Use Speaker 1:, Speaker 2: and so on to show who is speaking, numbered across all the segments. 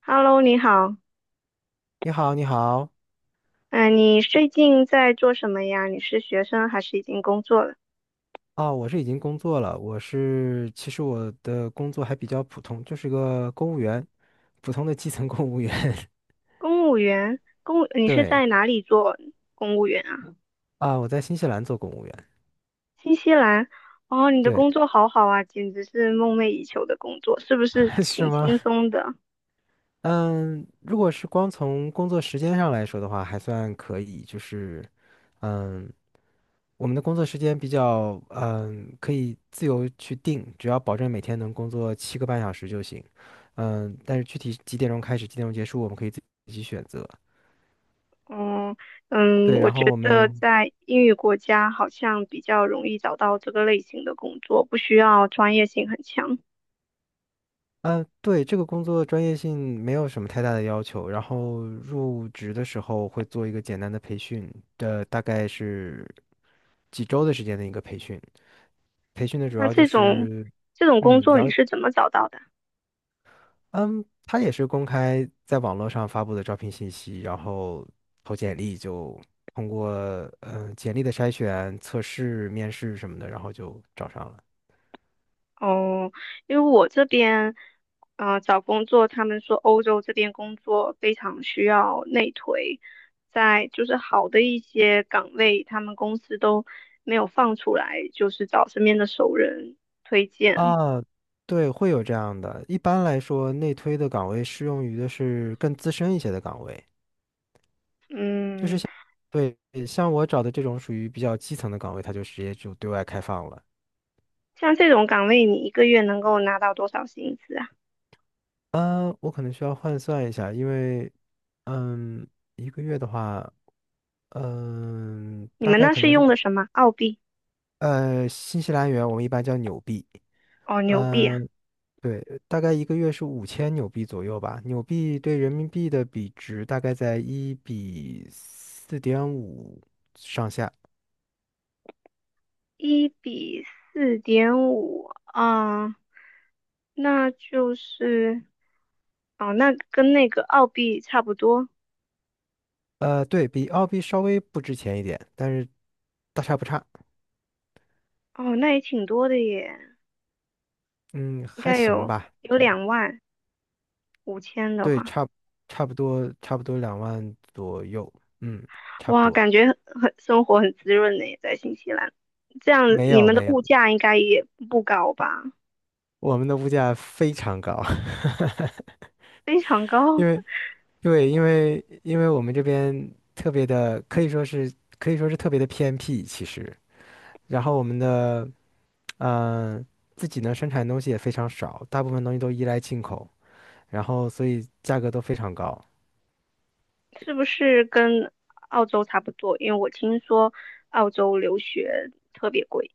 Speaker 1: Hello，你好。
Speaker 2: 你好，你好，
Speaker 1: 嗯、你最近在做什么呀？你是学生还是已经工作了？
Speaker 2: 哦，我是已经工作了，其实我的工作还比较普通，就是个公务员，普通的基层公务员。
Speaker 1: 公务员，你是
Speaker 2: 对，
Speaker 1: 在哪里做公务员啊？
Speaker 2: 啊，我在新西兰做公务员。
Speaker 1: 新西兰。哦，你的
Speaker 2: 对，
Speaker 1: 工作好好啊，简直是梦寐以求的工作，是不是
Speaker 2: 是
Speaker 1: 挺
Speaker 2: 吗？
Speaker 1: 轻松的？
Speaker 2: 嗯，如果是光从工作时间上来说的话，还算可以，就是，嗯，我们的工作时间比较，可以自由去定，只要保证每天能工作7个半小时就行。但是具体几点钟开始，几点钟结束，我们可以自己选择。
Speaker 1: 嗯嗯，
Speaker 2: 对，
Speaker 1: 我
Speaker 2: 然
Speaker 1: 觉
Speaker 2: 后我
Speaker 1: 得
Speaker 2: 们，
Speaker 1: 在英语国家好像比较容易找到这个类型的工作，不需要专业性很强。
Speaker 2: 嗯、对，这个工作专业性没有什么太大的要求，然后入职的时候会做一个简单的培训，这大概是几周的时间的一个培训。培训的主
Speaker 1: 那
Speaker 2: 要就
Speaker 1: 这种
Speaker 2: 是，
Speaker 1: 这种工
Speaker 2: 嗯，
Speaker 1: 作你
Speaker 2: 了，
Speaker 1: 是怎么找到的？
Speaker 2: 嗯，他也是公开在网络上发布的招聘信息，然后投简历就通过，简历的筛选、测试、面试什么的，然后就找上了。
Speaker 1: 哦，因为我这边，找工作，他们说欧洲这边工作非常需要内推，在就是好的一些岗位，他们公司都没有放出来，就是找身边的熟人推荐。
Speaker 2: 啊，对，会有这样的。一般来说，内推的岗位适用于的是更资深一些的岗位。
Speaker 1: 嗯，
Speaker 2: 对，像我找的这种属于比较基层的岗位，它就直接就对外开放了。
Speaker 1: 像这种岗位，你一个月能够拿到多少薪资啊？
Speaker 2: 嗯，我可能需要换算一下，因为，嗯，一个月的话，
Speaker 1: 你
Speaker 2: 大
Speaker 1: 们
Speaker 2: 概
Speaker 1: 那
Speaker 2: 可
Speaker 1: 是
Speaker 2: 能是，
Speaker 1: 用的什么？澳币？
Speaker 2: 新西兰元我们一般叫纽币。
Speaker 1: 哦，纽币啊，
Speaker 2: 嗯，对，大概一个月是5000纽币左右吧。纽币对人民币的比值大概在1:4.5上下。
Speaker 1: 1:4.5，啊，那就是。哦，那跟那个澳币差不多。
Speaker 2: 对，比澳币稍微不值钱一点，但是大差不差。
Speaker 1: 哦，那也挺多的耶，
Speaker 2: 嗯，
Speaker 1: 应
Speaker 2: 还
Speaker 1: 该
Speaker 2: 行
Speaker 1: 有
Speaker 2: 吧。
Speaker 1: 有25,000的
Speaker 2: 对，
Speaker 1: 话，
Speaker 2: 差不多2万左右。嗯，差不
Speaker 1: 哇，
Speaker 2: 多。
Speaker 1: 感觉很生活很滋润呢，在新西兰。这样
Speaker 2: 没
Speaker 1: 你
Speaker 2: 有
Speaker 1: 们的
Speaker 2: 没
Speaker 1: 物
Speaker 2: 有，
Speaker 1: 价应该也不高吧？
Speaker 2: 我们的物价非常高，
Speaker 1: 非常 高，
Speaker 2: 因为对，因为我们这边特别的，可以说是特别的偏僻，其实。然后我们的嗯、呃自己呢生产的东西也非常少，大部分东西都依赖进口，然后所以价格都非常高。
Speaker 1: 是不是跟澳洲差不多？因为我听说澳洲留学特别贵。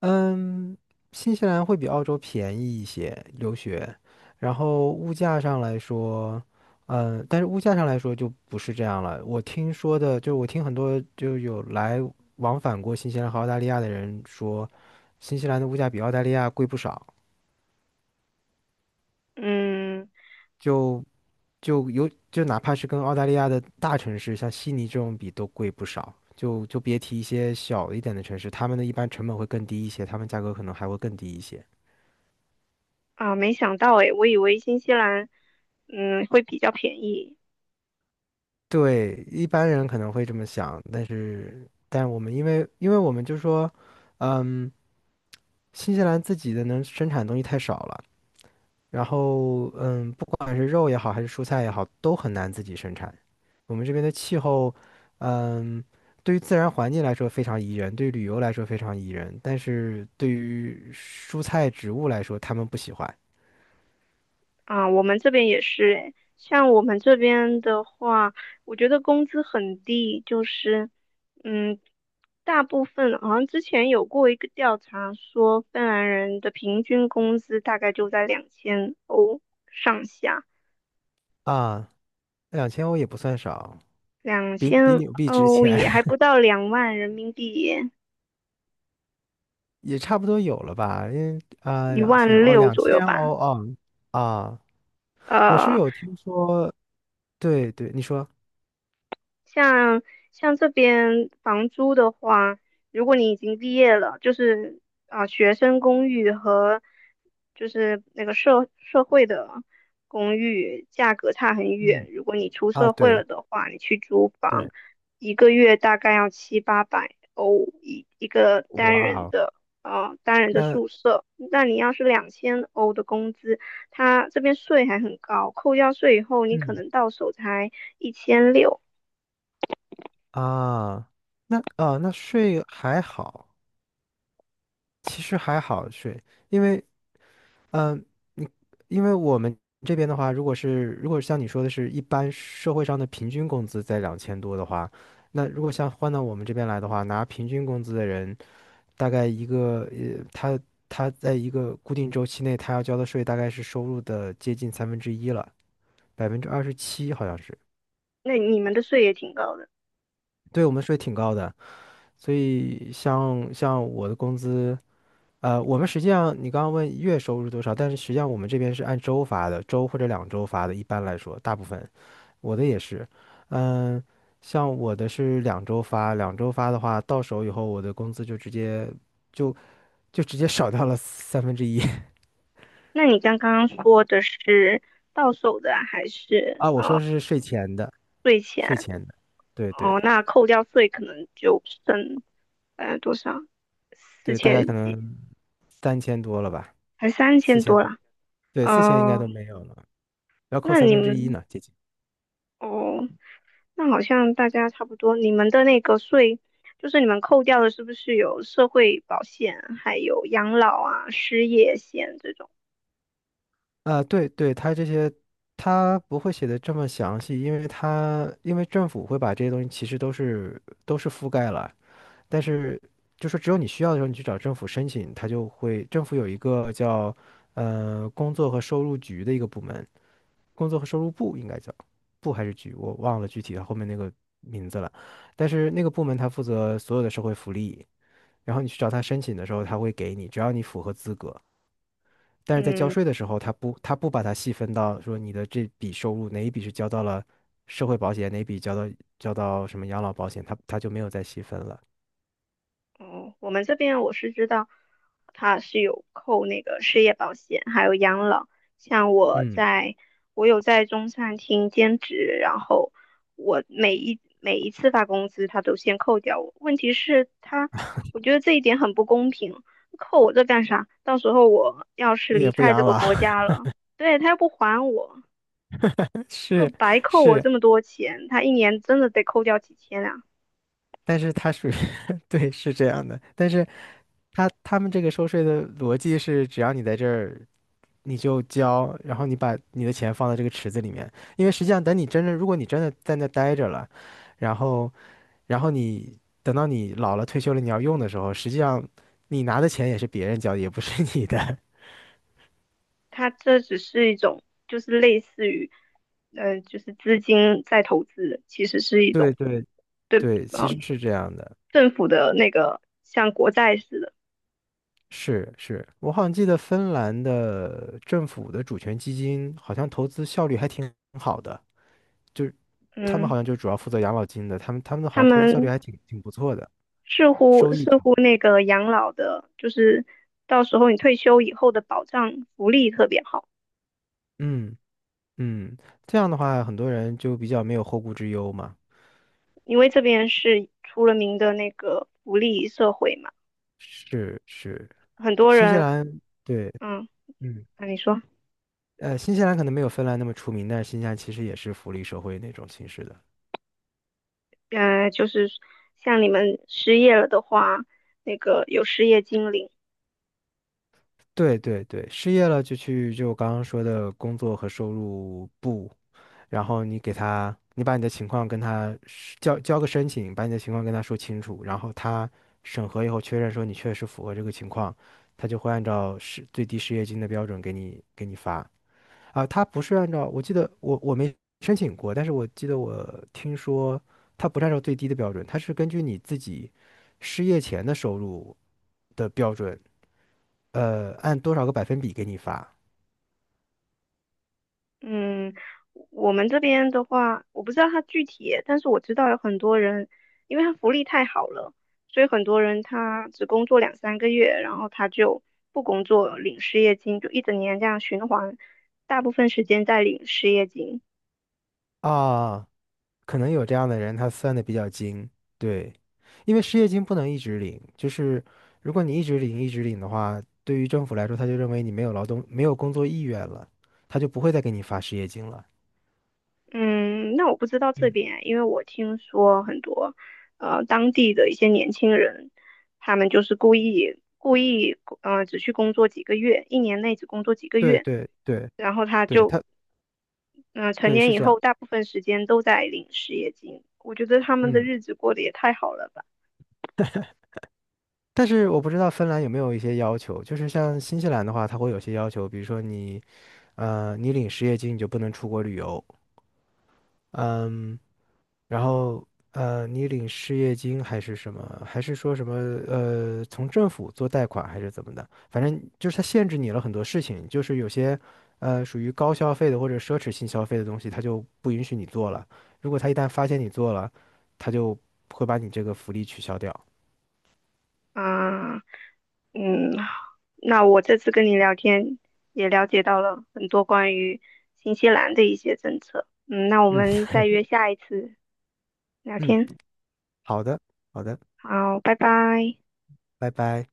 Speaker 2: 嗯，新西兰会比澳洲便宜一些留学，然后物价上来说，但是物价上来说就不是这样了。我听说的，就是我听很多就有来往返过新西兰和澳大利亚的人说，新西兰的物价比澳大利亚贵不少，
Speaker 1: 嗯
Speaker 2: 就就哪怕是跟澳大利亚的大城市，像悉尼这种比都贵不少，就别提一些小一点的城市，他们的一般成本会更低一些，他们价格可能还会更低一些。
Speaker 1: 啊，没想到诶，我以为新西兰会比较便宜。
Speaker 2: 对，一般人可能会这么想，但我们因为我们就说，嗯，新西兰自己的能生产的东西太少了，然后，不管是肉也好，还是蔬菜也好，都很难自己生产。我们这边的气候，嗯，对于自然环境来说非常宜人，对于旅游来说非常宜人，但是对于蔬菜植物来说，他们不喜欢
Speaker 1: 啊，我们这边也是诶，像我们这边的话，我觉得工资很低，就是，嗯，大部分好像之前有过一个调查说，芬兰人的平均工资大概就在两千欧上下，
Speaker 2: 啊。两千欧也不算少，
Speaker 1: 两
Speaker 2: 比
Speaker 1: 千
Speaker 2: 纽币值
Speaker 1: 欧
Speaker 2: 钱。
Speaker 1: 也还不到20,000人民币，
Speaker 2: 也差不多有了吧？因为啊，
Speaker 1: 一万六
Speaker 2: 两
Speaker 1: 左右
Speaker 2: 千欧
Speaker 1: 吧，
Speaker 2: 哦啊，我是
Speaker 1: 呃，
Speaker 2: 有听说，对对，你说，
Speaker 1: 像像这边房租的话，如果你已经毕业了，就是啊，学生公寓和就是那个社会的公寓价格差很
Speaker 2: 嗯
Speaker 1: 远。如果你出
Speaker 2: 啊，
Speaker 1: 社会
Speaker 2: 对
Speaker 1: 了的话，你去租房，
Speaker 2: 对，
Speaker 1: 一个月大概要七八百欧一个单
Speaker 2: 哇
Speaker 1: 人
Speaker 2: 哦，
Speaker 1: 的。啊单人的
Speaker 2: 那
Speaker 1: 宿舍，那你要是两千欧的工资，它这边税还很高，扣掉税以后，你可
Speaker 2: 嗯
Speaker 1: 能到手才1,600。
Speaker 2: 啊，那啊那税还好，其实还好税，因为嗯，你我们这边的话，如果是如果像你说的是一般社会上的平均工资在2000多的话，那如果像换到我们这边来的话，拿平均工资的人。大概一个他在一个固定周期内，他要交的税大概是收入的接近三分之一了，27%好像是。
Speaker 1: 那你们的税也挺高的。
Speaker 2: 对我们税挺高的，所以像我的工资，我们实际上你刚刚问月收入多少，但是实际上我们这边是按周发的，周或者两周发的，一般来说，大部分我的也是，嗯、像我的是两周发，两周发的话，到手以后我的工资就就直接少掉了三分之一。
Speaker 1: 那你刚刚说的是到手的还是
Speaker 2: 啊，我说是税前的，
Speaker 1: 税前？
Speaker 2: 税前的，对对
Speaker 1: 哦，那扣掉税可能就剩多少？四
Speaker 2: 对，大概
Speaker 1: 千
Speaker 2: 可
Speaker 1: 几，
Speaker 2: 能3000多了吧，
Speaker 1: 还三
Speaker 2: 四
Speaker 1: 千
Speaker 2: 千
Speaker 1: 多
Speaker 2: 多，
Speaker 1: 啦。
Speaker 2: 对，四千应该
Speaker 1: 哦，
Speaker 2: 都没有了，要扣
Speaker 1: 那
Speaker 2: 三
Speaker 1: 你
Speaker 2: 分之一
Speaker 1: 们
Speaker 2: 呢，接近。
Speaker 1: 哦，那好像大家差不多。你们的那个税，就是你们扣掉的，是不是有社会保险，还有养老啊、失业险这种？
Speaker 2: 啊，对对，他这些他不会写的这么详细，因为政府会把这些东西其实都是覆盖了，但是就是只有你需要的时候，你去找政府申请，他就会政府有一个叫工作和收入局的一个部门，工作和收入部应该叫部还是局，我忘了具体的后面那个名字了。但是那个部门它负责所有的社会福利，然后你去找他申请的时候，他会给你，只要你符合资格。但是在交
Speaker 1: 嗯。
Speaker 2: 税的时候，他不把它细分到说你的这笔收入哪一笔是交到了社会保险，哪一笔交到交到什么养老保险，他他就没有再细分了。
Speaker 1: 哦，我们这边我是知道，他是有扣那个失业保险，还有养老。像我
Speaker 2: 嗯，
Speaker 1: 在，我有在中餐厅兼职，然后我每一次发工资，他都先扣掉我。问题是他，我觉得这一点很不公平，扣我这干啥？到时候我要是
Speaker 2: 你
Speaker 1: 离
Speaker 2: 也不
Speaker 1: 开这
Speaker 2: 养
Speaker 1: 个
Speaker 2: 老，
Speaker 1: 国家了，对，他又不还我，就
Speaker 2: 是
Speaker 1: 白扣我
Speaker 2: 是。
Speaker 1: 这么多钱，他一年真的得扣掉几千啊。
Speaker 2: 但是它属于 对，是这样的。但是他们这个收税的逻辑是，只要你在这儿你就交，然后你把你的钱放在这个池子里面，因为实际上等你真正，如果你真的在那待着了，然后你等到你老了退休了你要用的时候，实际上你拿的钱也是别人交的，也不是你的。
Speaker 1: 它这只是一种，就是类似于，就是资金在投资的其实是一种
Speaker 2: 对对
Speaker 1: 对，
Speaker 2: 对，其
Speaker 1: 啊
Speaker 2: 实是这样的。
Speaker 1: 政府的那个像国债似的，
Speaker 2: 是是，我好像记得芬兰的政府的主权基金好像投资效率还挺好的，就是他们
Speaker 1: 嗯，
Speaker 2: 好像就主要负责养老金的，他们的好
Speaker 1: 他
Speaker 2: 像投资效率
Speaker 1: 们
Speaker 2: 还挺不错的，
Speaker 1: 似乎
Speaker 2: 收益
Speaker 1: 似
Speaker 2: 挺，
Speaker 1: 乎那个养老的，就是到时候你退休以后的保障福利特别好，
Speaker 2: 嗯。嗯，这样的话，很多人就比较没有后顾之忧嘛。
Speaker 1: 因为这边是出了名的那个福利社会嘛，
Speaker 2: 是是，
Speaker 1: 很多
Speaker 2: 新西
Speaker 1: 人，
Speaker 2: 兰对，
Speaker 1: 嗯，
Speaker 2: 嗯，
Speaker 1: 那你说
Speaker 2: 呃，新西兰可能没有芬兰那么出名，但是新西兰其实也是福利社会那种形式的。
Speaker 1: 嗯，呃，就是像你们失业了的话，那个有失业金领。
Speaker 2: 对对对，失业了就去就我刚刚说的工作和收入部，然后你给他，你把你的情况跟他交个申请，把你的情况跟他说清楚，然后他审核以后确认说你确实符合这个情况，他就会按照最低失业金的标准给你发。啊，他不是按照，我记得我没申请过，但是我记得我听说他不是按照最低的标准，他是根据你自己失业前的收入的标准，按多少个百分比给你发
Speaker 1: 嗯，我们这边的话，我不知道他具体，但是我知道有很多人，因为他福利太好了，所以很多人他只工作两三个月，然后他就不工作，领失业金，就一整年这样循环，大部分时间在领失业金。
Speaker 2: 啊，可能有这样的人，他算的比较精，对，因为失业金不能一直领，就是如果你一直领一直领的话，对于政府来说，他就认为你没有劳动没有工作意愿了，他就不会再给你发失业金了。
Speaker 1: 嗯，那我不知道这
Speaker 2: 嗯，
Speaker 1: 边，因为我听说很多，当地的一些年轻人，他们就是故意，只去工作几个月，一年内只工作几个
Speaker 2: 对
Speaker 1: 月。
Speaker 2: 对对
Speaker 1: 然后他
Speaker 2: 对，
Speaker 1: 就成
Speaker 2: 对
Speaker 1: 年
Speaker 2: 是
Speaker 1: 以
Speaker 2: 这样。
Speaker 1: 后大部分时间都在领失业金，我觉得他们的
Speaker 2: 嗯。
Speaker 1: 日子过得也太好了吧。
Speaker 2: 但是我不知道芬兰有没有一些要求，就是像新西兰的话，它会有些要求，比如说你，你领失业金你就不能出国旅游，嗯，然后，你领失业金还是什么，还是说什么，从政府做贷款还是怎么的，反正就是它限制你了很多事情，就是有些，属于高消费的或者奢侈性消费的东西，它就不允许你做了。如果他一旦发现你做了，他就会把你这个福利取消掉。
Speaker 1: 啊，嗯，那我这次跟你聊天也了解到了很多关于新西兰的一些政策。嗯，那我
Speaker 2: 嗯
Speaker 1: 们再约下一次 聊
Speaker 2: 嗯，
Speaker 1: 天。
Speaker 2: 好的好的，
Speaker 1: 好，拜拜。
Speaker 2: 拜拜。